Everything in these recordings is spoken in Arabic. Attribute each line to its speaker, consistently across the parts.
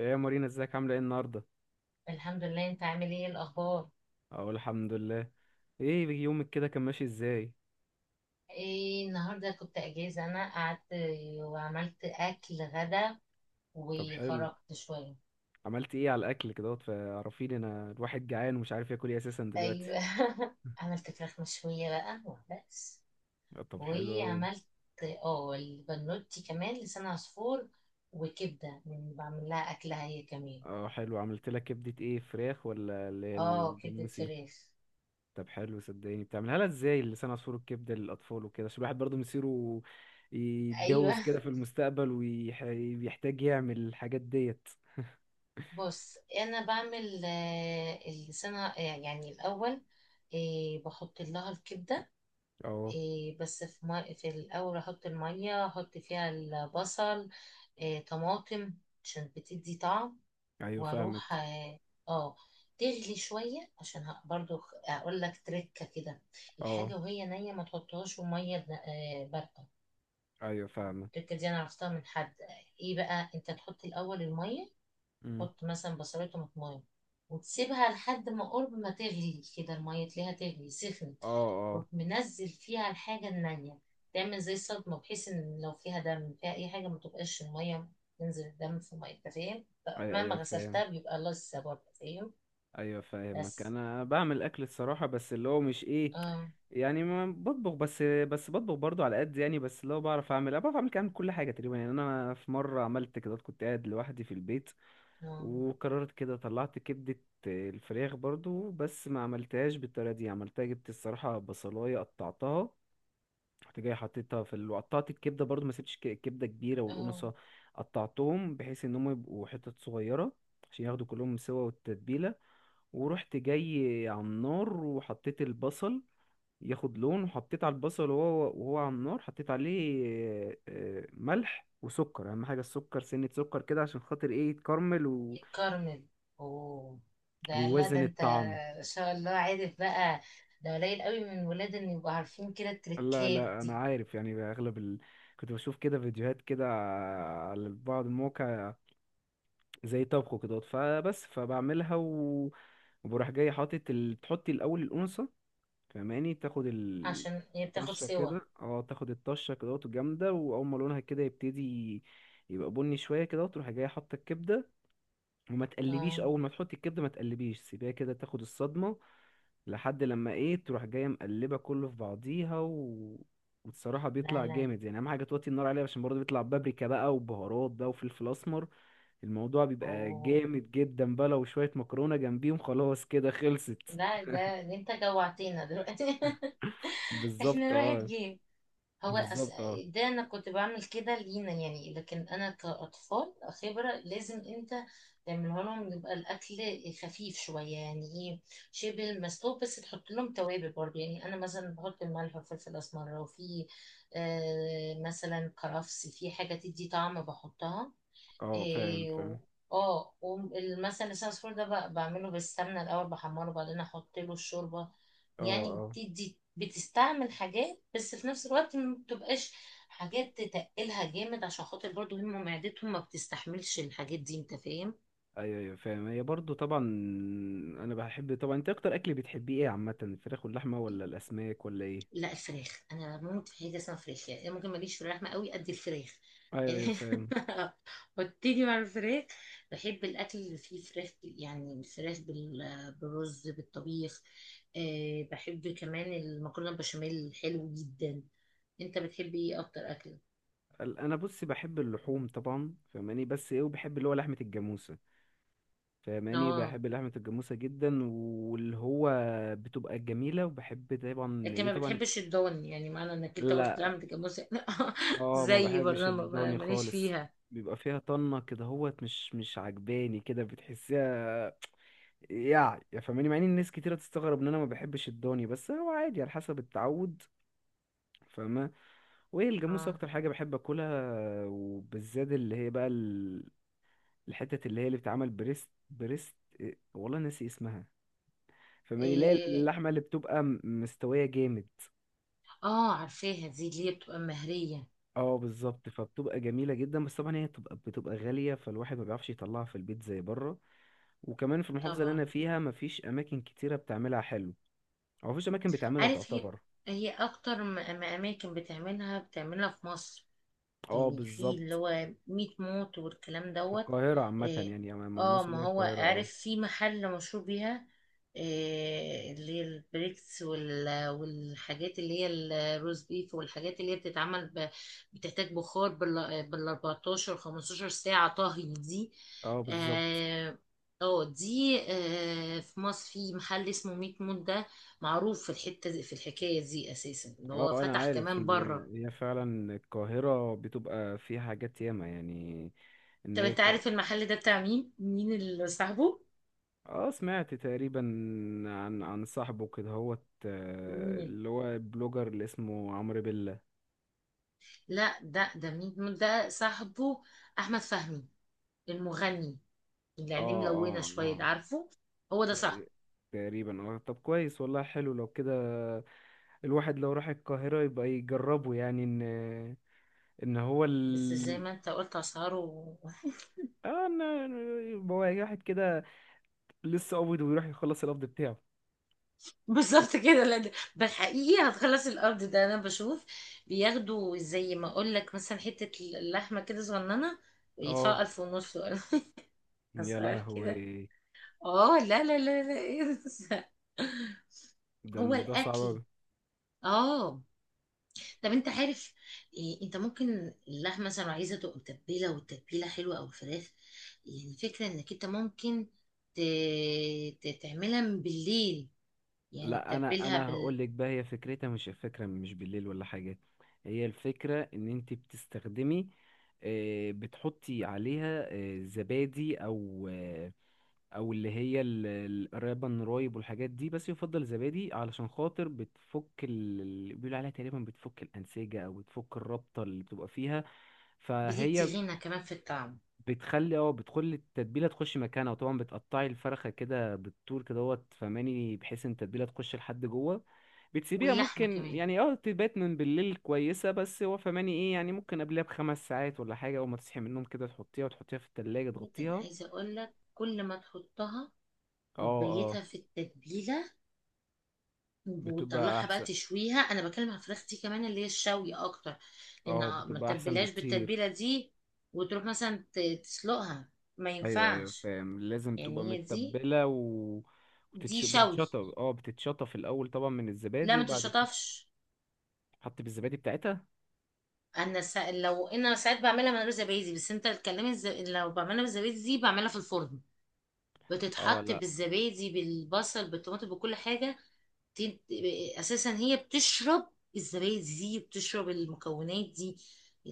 Speaker 1: ايه يا مارينا، ازيك؟ عامله ايه النهارده؟
Speaker 2: الحمد لله، انت عامل ايه الاخبار؟
Speaker 1: اقول الحمد لله. ايه يومك كده، كان ماشي ازاي؟
Speaker 2: ايه النهارده كنت اجازه. انا قعدت وعملت اكل غدا
Speaker 1: طب حلو.
Speaker 2: وخرجت شويه.
Speaker 1: عملت ايه على الاكل كده؟ فعرفيني، انا الواحد جعان ومش عارف ياكل ايه اساسا دلوقتي.
Speaker 2: ايوه، عملت فراخ مشويه بقى وبس.
Speaker 1: آه، طب حلو اوي.
Speaker 2: وعملت اه البنوتي كمان لسان عصفور، وكبده من بعمل لها اكلها هي كمان.
Speaker 1: اه، حلو. عملت لك كبده ايه، فراخ ولا اللي هي
Speaker 2: اه، كبده
Speaker 1: الجاموسي؟
Speaker 2: فراخ.
Speaker 1: طب حلو، صدقني. بتعملها لها ازاي لسان عصفور الكبده للاطفال وكده؟ عشان الواحد برضه مصيره
Speaker 2: ايوه،
Speaker 1: يتجوز كده في المستقبل، ويحتاج يعمل الحاجات ديت.
Speaker 2: بص انا بعمل اللسان، يعني الاول إيه، بحط لها الكبده،
Speaker 1: اه.
Speaker 2: إيه بس في الأول أحط المية، أحط فيها البصل، إيه طماطم، عشان بتدي طعم.
Speaker 1: ايوه
Speaker 2: وأروح
Speaker 1: فاهمك.
Speaker 2: آه، تغلي شوية عشان برضو أقول لك تركة كده.
Speaker 1: اه.
Speaker 2: الحاجة وهي نية ما تحطهاش في مية باردة.
Speaker 1: ايوه فاهمك.
Speaker 2: التركة دي أنا عرفتها من حد. إيه بقى، أنت تحط الأول المية، تحط مثلا بصلات وطماطم، وتسيبها لحد ما قرب ما تغلي كده المية تلاقيها تغلي سخنت.
Speaker 1: اه.
Speaker 2: تروح
Speaker 1: اه.
Speaker 2: منزل فيها الحاجة النانية، تعمل زي صدمة، بحيث ان لو فيها دم، فيها اي حاجة، ما تبقاش المية تنزل الدم في مية. انت فاهم؟
Speaker 1: ايوه،
Speaker 2: مهما
Speaker 1: ايوه فاهم.
Speaker 2: غسلتها بيبقى لسه برضه. فاهم؟
Speaker 1: ايوه فاهمك.
Speaker 2: بس،
Speaker 1: انا بعمل اكل الصراحه، بس اللي هو مش ايه
Speaker 2: اه،
Speaker 1: يعني، ما بطبخ. بس بطبخ برضو على قد يعني، بس اللي هو بعرف اعمل، أنا بعرف اعمل كام كل حاجه تقريبا يعني. انا في مره عملت كده، كنت قاعد لوحدي في البيت
Speaker 2: اه،
Speaker 1: وقررت كده، طلعت كبده الفراخ برضو. بس ما عملتهاش بالطريقه دي. عملتها، جبت الصراحه بصلايه قطعتها، رحت جاي حطيتها في ال... وقطعت الكبده برضو، ما سبتش كبده كبيره،
Speaker 2: اه،
Speaker 1: والقنصه قطعتهم بحيث ان هم يبقوا حتت صغيره، عشان ياخدوا كلهم سوا والتتبيله. ورحت جاي على النار وحطيت البصل ياخد لون، وحطيت على البصل وهو على النار، حطيت عليه ملح وسكر. اهم حاجه السكر، سنه سكر كده عشان خاطر ايه يتكرمل و...
Speaker 2: كارمل. اوه، ده لا، ده
Speaker 1: ويوازن
Speaker 2: انت
Speaker 1: الطعم.
Speaker 2: ان شاء الله عارف بقى. ده قليل قوي من الولاد ان يبقوا عارفين كده
Speaker 1: لا
Speaker 2: التريكات
Speaker 1: لا انا
Speaker 2: دي.
Speaker 1: عارف يعني، اغلب ال... كنت بشوف كده فيديوهات كده على بعض المواقع زي طبخه كده، فبس فبعملها و... وبروح جاي حاطط ال... بتحطي الاول الانثى فاهماني، تاخد ال-
Speaker 2: عشان هي بتاخد
Speaker 1: الطشه
Speaker 2: سوا.
Speaker 1: كده. اه، تاخد الطشه كده الجامده، واول ما لونها كده يبتدي يبقى بني شويه كده، تروح جايه حاطه الكبده. وما تقلبيش،
Speaker 2: اه،
Speaker 1: اول ما تحطي الكبده ما تقلبيش، سيبيها كده تاخد الصدمه. لحد لما ايه، تروح جايه مقلبه كله في بعضيها و... وبصراحه
Speaker 2: لا،
Speaker 1: بيطلع
Speaker 2: لا.
Speaker 1: جامد يعني. اهم حاجه توطي النار عليها، عشان برضه بيطلع بابريكا بقى وبهارات بقى وفلفل اسمر. الموضوع بيبقى
Speaker 2: اوه،
Speaker 1: جامد جدا بقى، لو شوية مكرونة جنبيهم خلاص كده خلصت.
Speaker 2: لا، ده انت جوعتينا دلوقتي. احنا
Speaker 1: بالظبط،
Speaker 2: راحت
Speaker 1: اه.
Speaker 2: جيم. هو أس...
Speaker 1: بالظبط، اه.
Speaker 2: ده انا كنت بعمل كده لينا يعني، لكن انا كاطفال خبره، لازم انت تعمله لهم. يبقى الاكل خفيف شويه، يعني ايه، شبه المسلوق، بس تحط لهم توابل برضه. يعني انا مثلا بحط الملح والفلفل الاسمر، وفي مثلا كرفس، في حاجه تدي طعم بحطها.
Speaker 1: اه، فاهم
Speaker 2: إيه و-
Speaker 1: فاهم.
Speaker 2: اه، ومثلا لسان العصفور ده بعمله بالسمنة الأول، بحمره وبعدين أحط له الشوربة.
Speaker 1: اه،
Speaker 2: يعني
Speaker 1: اه.
Speaker 2: بتستعمل حاجات، بس في نفس الوقت ما بتبقاش حاجات تتقلها جامد، عشان خاطر برضو هم معدتهم ما بتستحملش الحاجات دي. انت فاهم؟
Speaker 1: ايوه، ايوه فاهم. هي برضو طبعا. انا بحب طبعا. انت اكتر اكل بتحبيه ايه عامة، الفراخ واللحمة ولا الاسماك ولا ايه؟
Speaker 2: لا، الفراخ انا بموت في حاجه اسمها فراخ. يعني أنا ممكن ماليش في اللحمه قوي قد الفراخ،
Speaker 1: ايوه، ايوه
Speaker 2: يعني.
Speaker 1: فاهم.
Speaker 2: وابتدي مع الفراخ، بحب الاكل اللي فيه فراخ يعني الفراخ بالرز بالطبيخ. بحب كمان المكرونه البشاميل، حلو جدا. انت بتحب ايه اكتر اكل؟
Speaker 1: ال- انا بص بحب اللحوم طبعا فاهماني، بس ايه، وبحب اللي هو لحمة الجاموسة فاهماني.
Speaker 2: اه،
Speaker 1: بحب لحمة الجاموسة جدا، واللي هو بتبقى جميلة. وبحب طبعا
Speaker 2: لكن
Speaker 1: ايه
Speaker 2: ما
Speaker 1: طبعا.
Speaker 2: بتحبش الضان، يعني معنى انك انت قلت
Speaker 1: لا.
Speaker 2: لا متجوزه.
Speaker 1: اه، ما
Speaker 2: زي
Speaker 1: بحبش
Speaker 2: برضه
Speaker 1: الضاني
Speaker 2: ماليش
Speaker 1: خالص.
Speaker 2: فيها.
Speaker 1: بيبقى فيها طنة كده هوت، مش مش عجباني كده، بتحسيها يعني يا فاهماني. مع ان الناس كتيرة تستغرب ان انا ما بحبش الضاني، بس هو عادي على حسب التعود فاهمة. وايه، الجاموسة
Speaker 2: اه،
Speaker 1: اكتر حاجة بحب اكلها. وبالذات اللي هي بقى ال- الحتت اللي هي اللي بتتعمل بريست. بريست إيه؟ والله ناسي اسمها فاهماني. لا،
Speaker 2: إيه.
Speaker 1: اللحمة اللي بتبقى مستوية جامد.
Speaker 2: اه، عارفاها دي اللي هي بتبقى مهريه.
Speaker 1: اه، بالظبط. فبتبقى جميلة جدا، بس طبعا هي بتبقى غالية، فالواحد ما بيعرفش يطلعها في البيت زي بره. وكمان في المحافظة اللي أنا
Speaker 2: طبعا.
Speaker 1: فيها مفيش أماكن كتيرة بتعملها حلو، أو مفيش أماكن بتعملها
Speaker 2: عارف، هي
Speaker 1: تعتبر.
Speaker 2: هي اكتر اماكن بتعملها في مصر.
Speaker 1: اه
Speaker 2: يعني في اللي
Speaker 1: بالظبط.
Speaker 2: هو ميت موت والكلام
Speaker 1: في
Speaker 2: دوت.
Speaker 1: القاهرة عامة
Speaker 2: اه،
Speaker 1: يعني، مصر اللي
Speaker 2: ما
Speaker 1: هي
Speaker 2: هو
Speaker 1: القاهرة، اه.
Speaker 2: عارف في محل مشهور بيها. اللي هي البريكس والحاجات اللي هي الروز بيف، والحاجات اللي هي بتتعمل بتحتاج بخار بال 14 15 ساعة طهي دي.
Speaker 1: اه، بالظبط.
Speaker 2: اه، دي في مصر، في محل اسمه ميت موت ده، معروف في الحتة دي، في الحكاية دي أساسا، اللي هو
Speaker 1: اه، أنا
Speaker 2: فتح
Speaker 1: عارف
Speaker 2: كمان
Speaker 1: إن
Speaker 2: بره.
Speaker 1: هي فعلا القاهرة بتبقى فيها حاجات ياما يعني، إن
Speaker 2: طب
Speaker 1: هي
Speaker 2: انت
Speaker 1: الق...
Speaker 2: عارف المحل ده بتاع مين اللي صاحبه؟
Speaker 1: اه، سمعت تقريبا عن صاحبه كده هوت، آه،
Speaker 2: مين؟
Speaker 1: اللي هو البلوجر اللي اسمه عمرو بيلا.
Speaker 2: لا ده مين ده صاحبه؟ احمد فهمي، المغني اللي
Speaker 1: اه،
Speaker 2: عينيه ملونه
Speaker 1: اه،
Speaker 2: شويه، ده
Speaker 1: اه.
Speaker 2: عارفه؟ هو ده صاحبه.
Speaker 1: تقري- تقريبا، اه. طب كويس والله، حلو لو كده. الواحد لو راح القاهرة يبقى يجربه يعني، ان ان هو
Speaker 2: بس زي
Speaker 1: ال-
Speaker 2: ما انت قلت اسعاره.
Speaker 1: اه، ان يبقى واحد كده لسه قابض ويروح يخلص القبض بتاعه.
Speaker 2: بالظبط كده. لا ده بالحقيقي هتخلص الارض. ده انا بشوف بياخدوا زي ما اقول لك مثلا حته اللحمه كده صغننه، ويدفعوا
Speaker 1: اه
Speaker 2: الف ونص ولا.
Speaker 1: يا
Speaker 2: اسعار كده.
Speaker 1: لهوي،
Speaker 2: اه، لا، لا، لا، لا، ايه ده؟
Speaker 1: ده
Speaker 2: هو
Speaker 1: الموضوع صعب
Speaker 2: الاكل.
Speaker 1: أوي.
Speaker 2: اه، طب انت عارف إيه، انت ممكن اللحمه مثلا لو عايزه تبقى متبله والتتبيله حلوه، او الفراخ، يعني الفكره انك انت ممكن ت... تعملها من بالليل. يعني
Speaker 1: لا انا
Speaker 2: تتبلها
Speaker 1: هقول لك بقى، هي فكرتها مش فكرة مش بالليل ولا حاجة. هي الفكرة ان انت بتستخدمي، بتحطي عليها زبادي، او او اللي هي ال- القرابة النرايب والحاجات دي، بس يفضل زبادي علشان خاطر بتفك ال- اللي بيقولوا عليها تقريبا بتفك الانسجه او بتفك الرابطه اللي بتبقى فيها.
Speaker 2: بتدي
Speaker 1: فهي
Speaker 2: غنى كمان في الطعم.
Speaker 1: بتخلي، اه، بتخلي التتبيله تخش مكانها. وطبعا بتقطعي الفرخه كده بالطول كده اهوت فماني، بحيث ان التتبيله تخش لحد جوه. بتسيبيها
Speaker 2: واللحمه
Speaker 1: ممكن
Speaker 2: كمان
Speaker 1: يعني اه تبات من بالليل كويسه، بس هو فماني ايه يعني ممكن قبلها بخمس ساعات ولا حاجه، اول ما تصحي من النوم كده تحطيها، وتحطيها في التلاجة
Speaker 2: جدا،
Speaker 1: تغطيها.
Speaker 2: عايزه اقول لك، كل ما تحطها
Speaker 1: اه، اه.
Speaker 2: وتبيتها في التتبيله
Speaker 1: بتبقى
Speaker 2: وتطلعها بقى
Speaker 1: احسن.
Speaker 2: تشويها. انا بكلم على الفراخ دي كمان، اللي هي الشوي اكتر، لان
Speaker 1: اه،
Speaker 2: ما
Speaker 1: بتبقى احسن
Speaker 2: تتبلهاش
Speaker 1: بكتير.
Speaker 2: بالتتبيله دي وتروح مثلا تسلقها، ما
Speaker 1: ايوه، ايوه
Speaker 2: ينفعش.
Speaker 1: فاهم، لازم تبقى
Speaker 2: يعني هي دي
Speaker 1: متبله. و...
Speaker 2: دي
Speaker 1: وتتش...
Speaker 2: شوي.
Speaker 1: بتتشطب، اه، بتتشطب في الاول طبعا من
Speaker 2: لا
Speaker 1: الزبادي،
Speaker 2: ما
Speaker 1: وبعد كده
Speaker 2: تشطفش.
Speaker 1: تحط بالزبادي بتاعتها.
Speaker 2: لو انا ساعات بعملها من غير زبادي. بس انت الكلام، لو بعملها بالزبادي دي بعملها في الفرن،
Speaker 1: اه،
Speaker 2: بتتحط
Speaker 1: لا.
Speaker 2: بالزبادي، بالبصل، بالطماطم، بكل حاجه. تن- اساسا هي بتشرب الزبادي دي، بتشرب المكونات دي،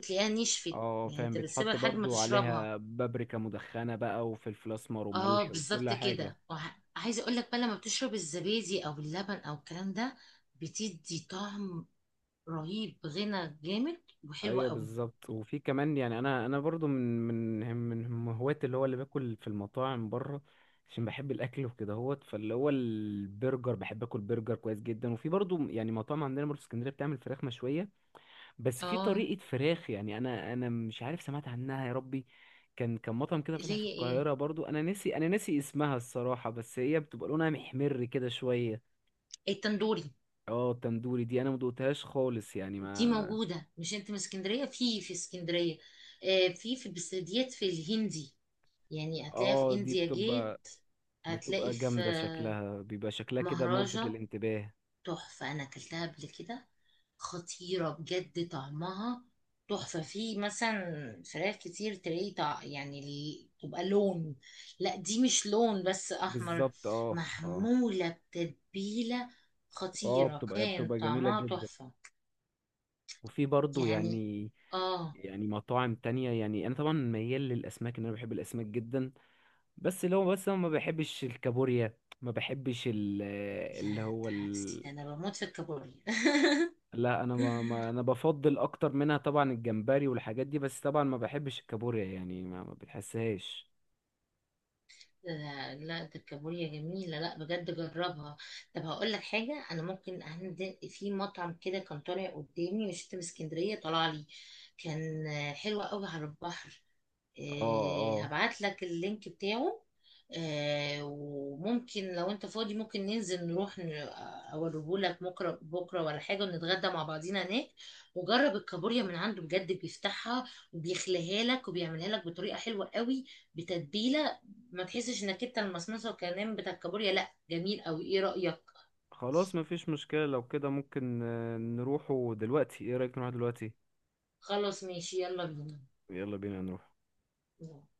Speaker 2: تلاقيها نشفت.
Speaker 1: اه
Speaker 2: يعني
Speaker 1: فاهم،
Speaker 2: انت بتسيبها
Speaker 1: بيتحط
Speaker 2: لحد ما
Speaker 1: برضو
Speaker 2: تشربها.
Speaker 1: عليها بابريكا مدخنه بقى وفلفل اسمر وملح
Speaker 2: اه،
Speaker 1: وكل
Speaker 2: بالظبط
Speaker 1: حاجه.
Speaker 2: كده. عايزه اقول لك بقى، لما بتشرب الزبادي او اللبن او الكلام ده، بتدي طعم رهيب، غنى جامد وحلوة
Speaker 1: ايوه،
Speaker 2: قوي.
Speaker 1: بالظبط. وفي كمان يعني، انا انا برضو من من هوااتي اللي هو اللي باكل في المطاعم بره، عشان بحب الاكل وكده هوت. فاللي هو البرجر، بحب اكل برجر كويس جدا. وفي برضو يعني مطاعم عندنا برضو في اسكندريه بتعمل فراخ مشويه، بس في
Speaker 2: اه،
Speaker 1: طريقه فراخ يعني، انا مش عارف سمعت عنها يا ربي. كان مطعم كده
Speaker 2: اللي
Speaker 1: فتح في
Speaker 2: هي ايه،
Speaker 1: القاهره برضو، انا ناسي، اسمها الصراحه، بس هي بتبقى لونها محمر كده شويه.
Speaker 2: التندوري؟
Speaker 1: اه، التندوري دي انا ما دقتهاش خالص يعني،
Speaker 2: دي
Speaker 1: ما
Speaker 2: موجودة، مش انت من اسكندرية؟ في في اسكندرية في في بس ديت في الهندي، يعني هتلاقيها في
Speaker 1: اه، دي
Speaker 2: انديا
Speaker 1: بتبقى،
Speaker 2: جيت، هتلاقي في
Speaker 1: جامدة
Speaker 2: آه،
Speaker 1: شكلها، بيبقى شكلها كده ملفت
Speaker 2: مهرجة،
Speaker 1: للانتباه.
Speaker 2: تحفة. أنا أكلتها قبل كده، خطيرة بجد طعمها، تحفة. في مثلا فراخ كتير تلاقي يعني تبقى لون، لا دي مش لون بس، أحمر،
Speaker 1: بالظبط، اه، اه،
Speaker 2: محمولة بتتبيلة،
Speaker 1: اه.
Speaker 2: خطيرة
Speaker 1: بتبقى
Speaker 2: كان
Speaker 1: جميلة
Speaker 2: طعمها،
Speaker 1: جدا.
Speaker 2: تحفة.
Speaker 1: وفي برضو
Speaker 2: يعني
Speaker 1: يعني،
Speaker 2: آه
Speaker 1: مطاعم تانية يعني. انا طبعا ميال للاسماك، ان انا بحب الاسماك جدا. بس اللي هو، بس انا ما بحبش الكابوريا، ما بحبش ال- اللي
Speaker 2: لا
Speaker 1: هو
Speaker 2: ده عكسي،
Speaker 1: ال...
Speaker 2: ده أنا بموت في الكابوريا.
Speaker 1: لا انا ما انا بفضل اكتر منها طبعا الجمبري والحاجات دي، بس طبعا ما بحبش الكابوريا يعني، ما بتحسهاش.
Speaker 2: لا، لا ده الكابوريا جميلة، لا بجد جربها. طب هقول لك حاجة، أنا ممكن عندي في مطعم كده كان طالع قدامي، مش في اسكندرية، طلع لي، كان حلو قوي على البحر.
Speaker 1: اه،
Speaker 2: هبعت لك اللينك بتاعه. وممكن لو انت فاضي، ممكن ننزل نروح اوريه لك بكره، بكره ولا حاجه، ونتغدى مع بعضينا هناك. وجرب الكابوريا من عنده بجد، بيفتحها وبيخليها لك، وبيعملها لك بطريقه حلوه قوي بتتبيله. ما تحسش انك انت المصمصه والكلام بتاع الكابوريا. لا، جميل قوي. ايه رايك؟
Speaker 1: خلاص، مفيش مشكلة لو كده. ممكن نروحوا دلوقتي، ايه رأيك؟ نروح دلوقتي؟
Speaker 2: خلاص ماشي، يلا
Speaker 1: يلا بينا نروح.
Speaker 2: بينا.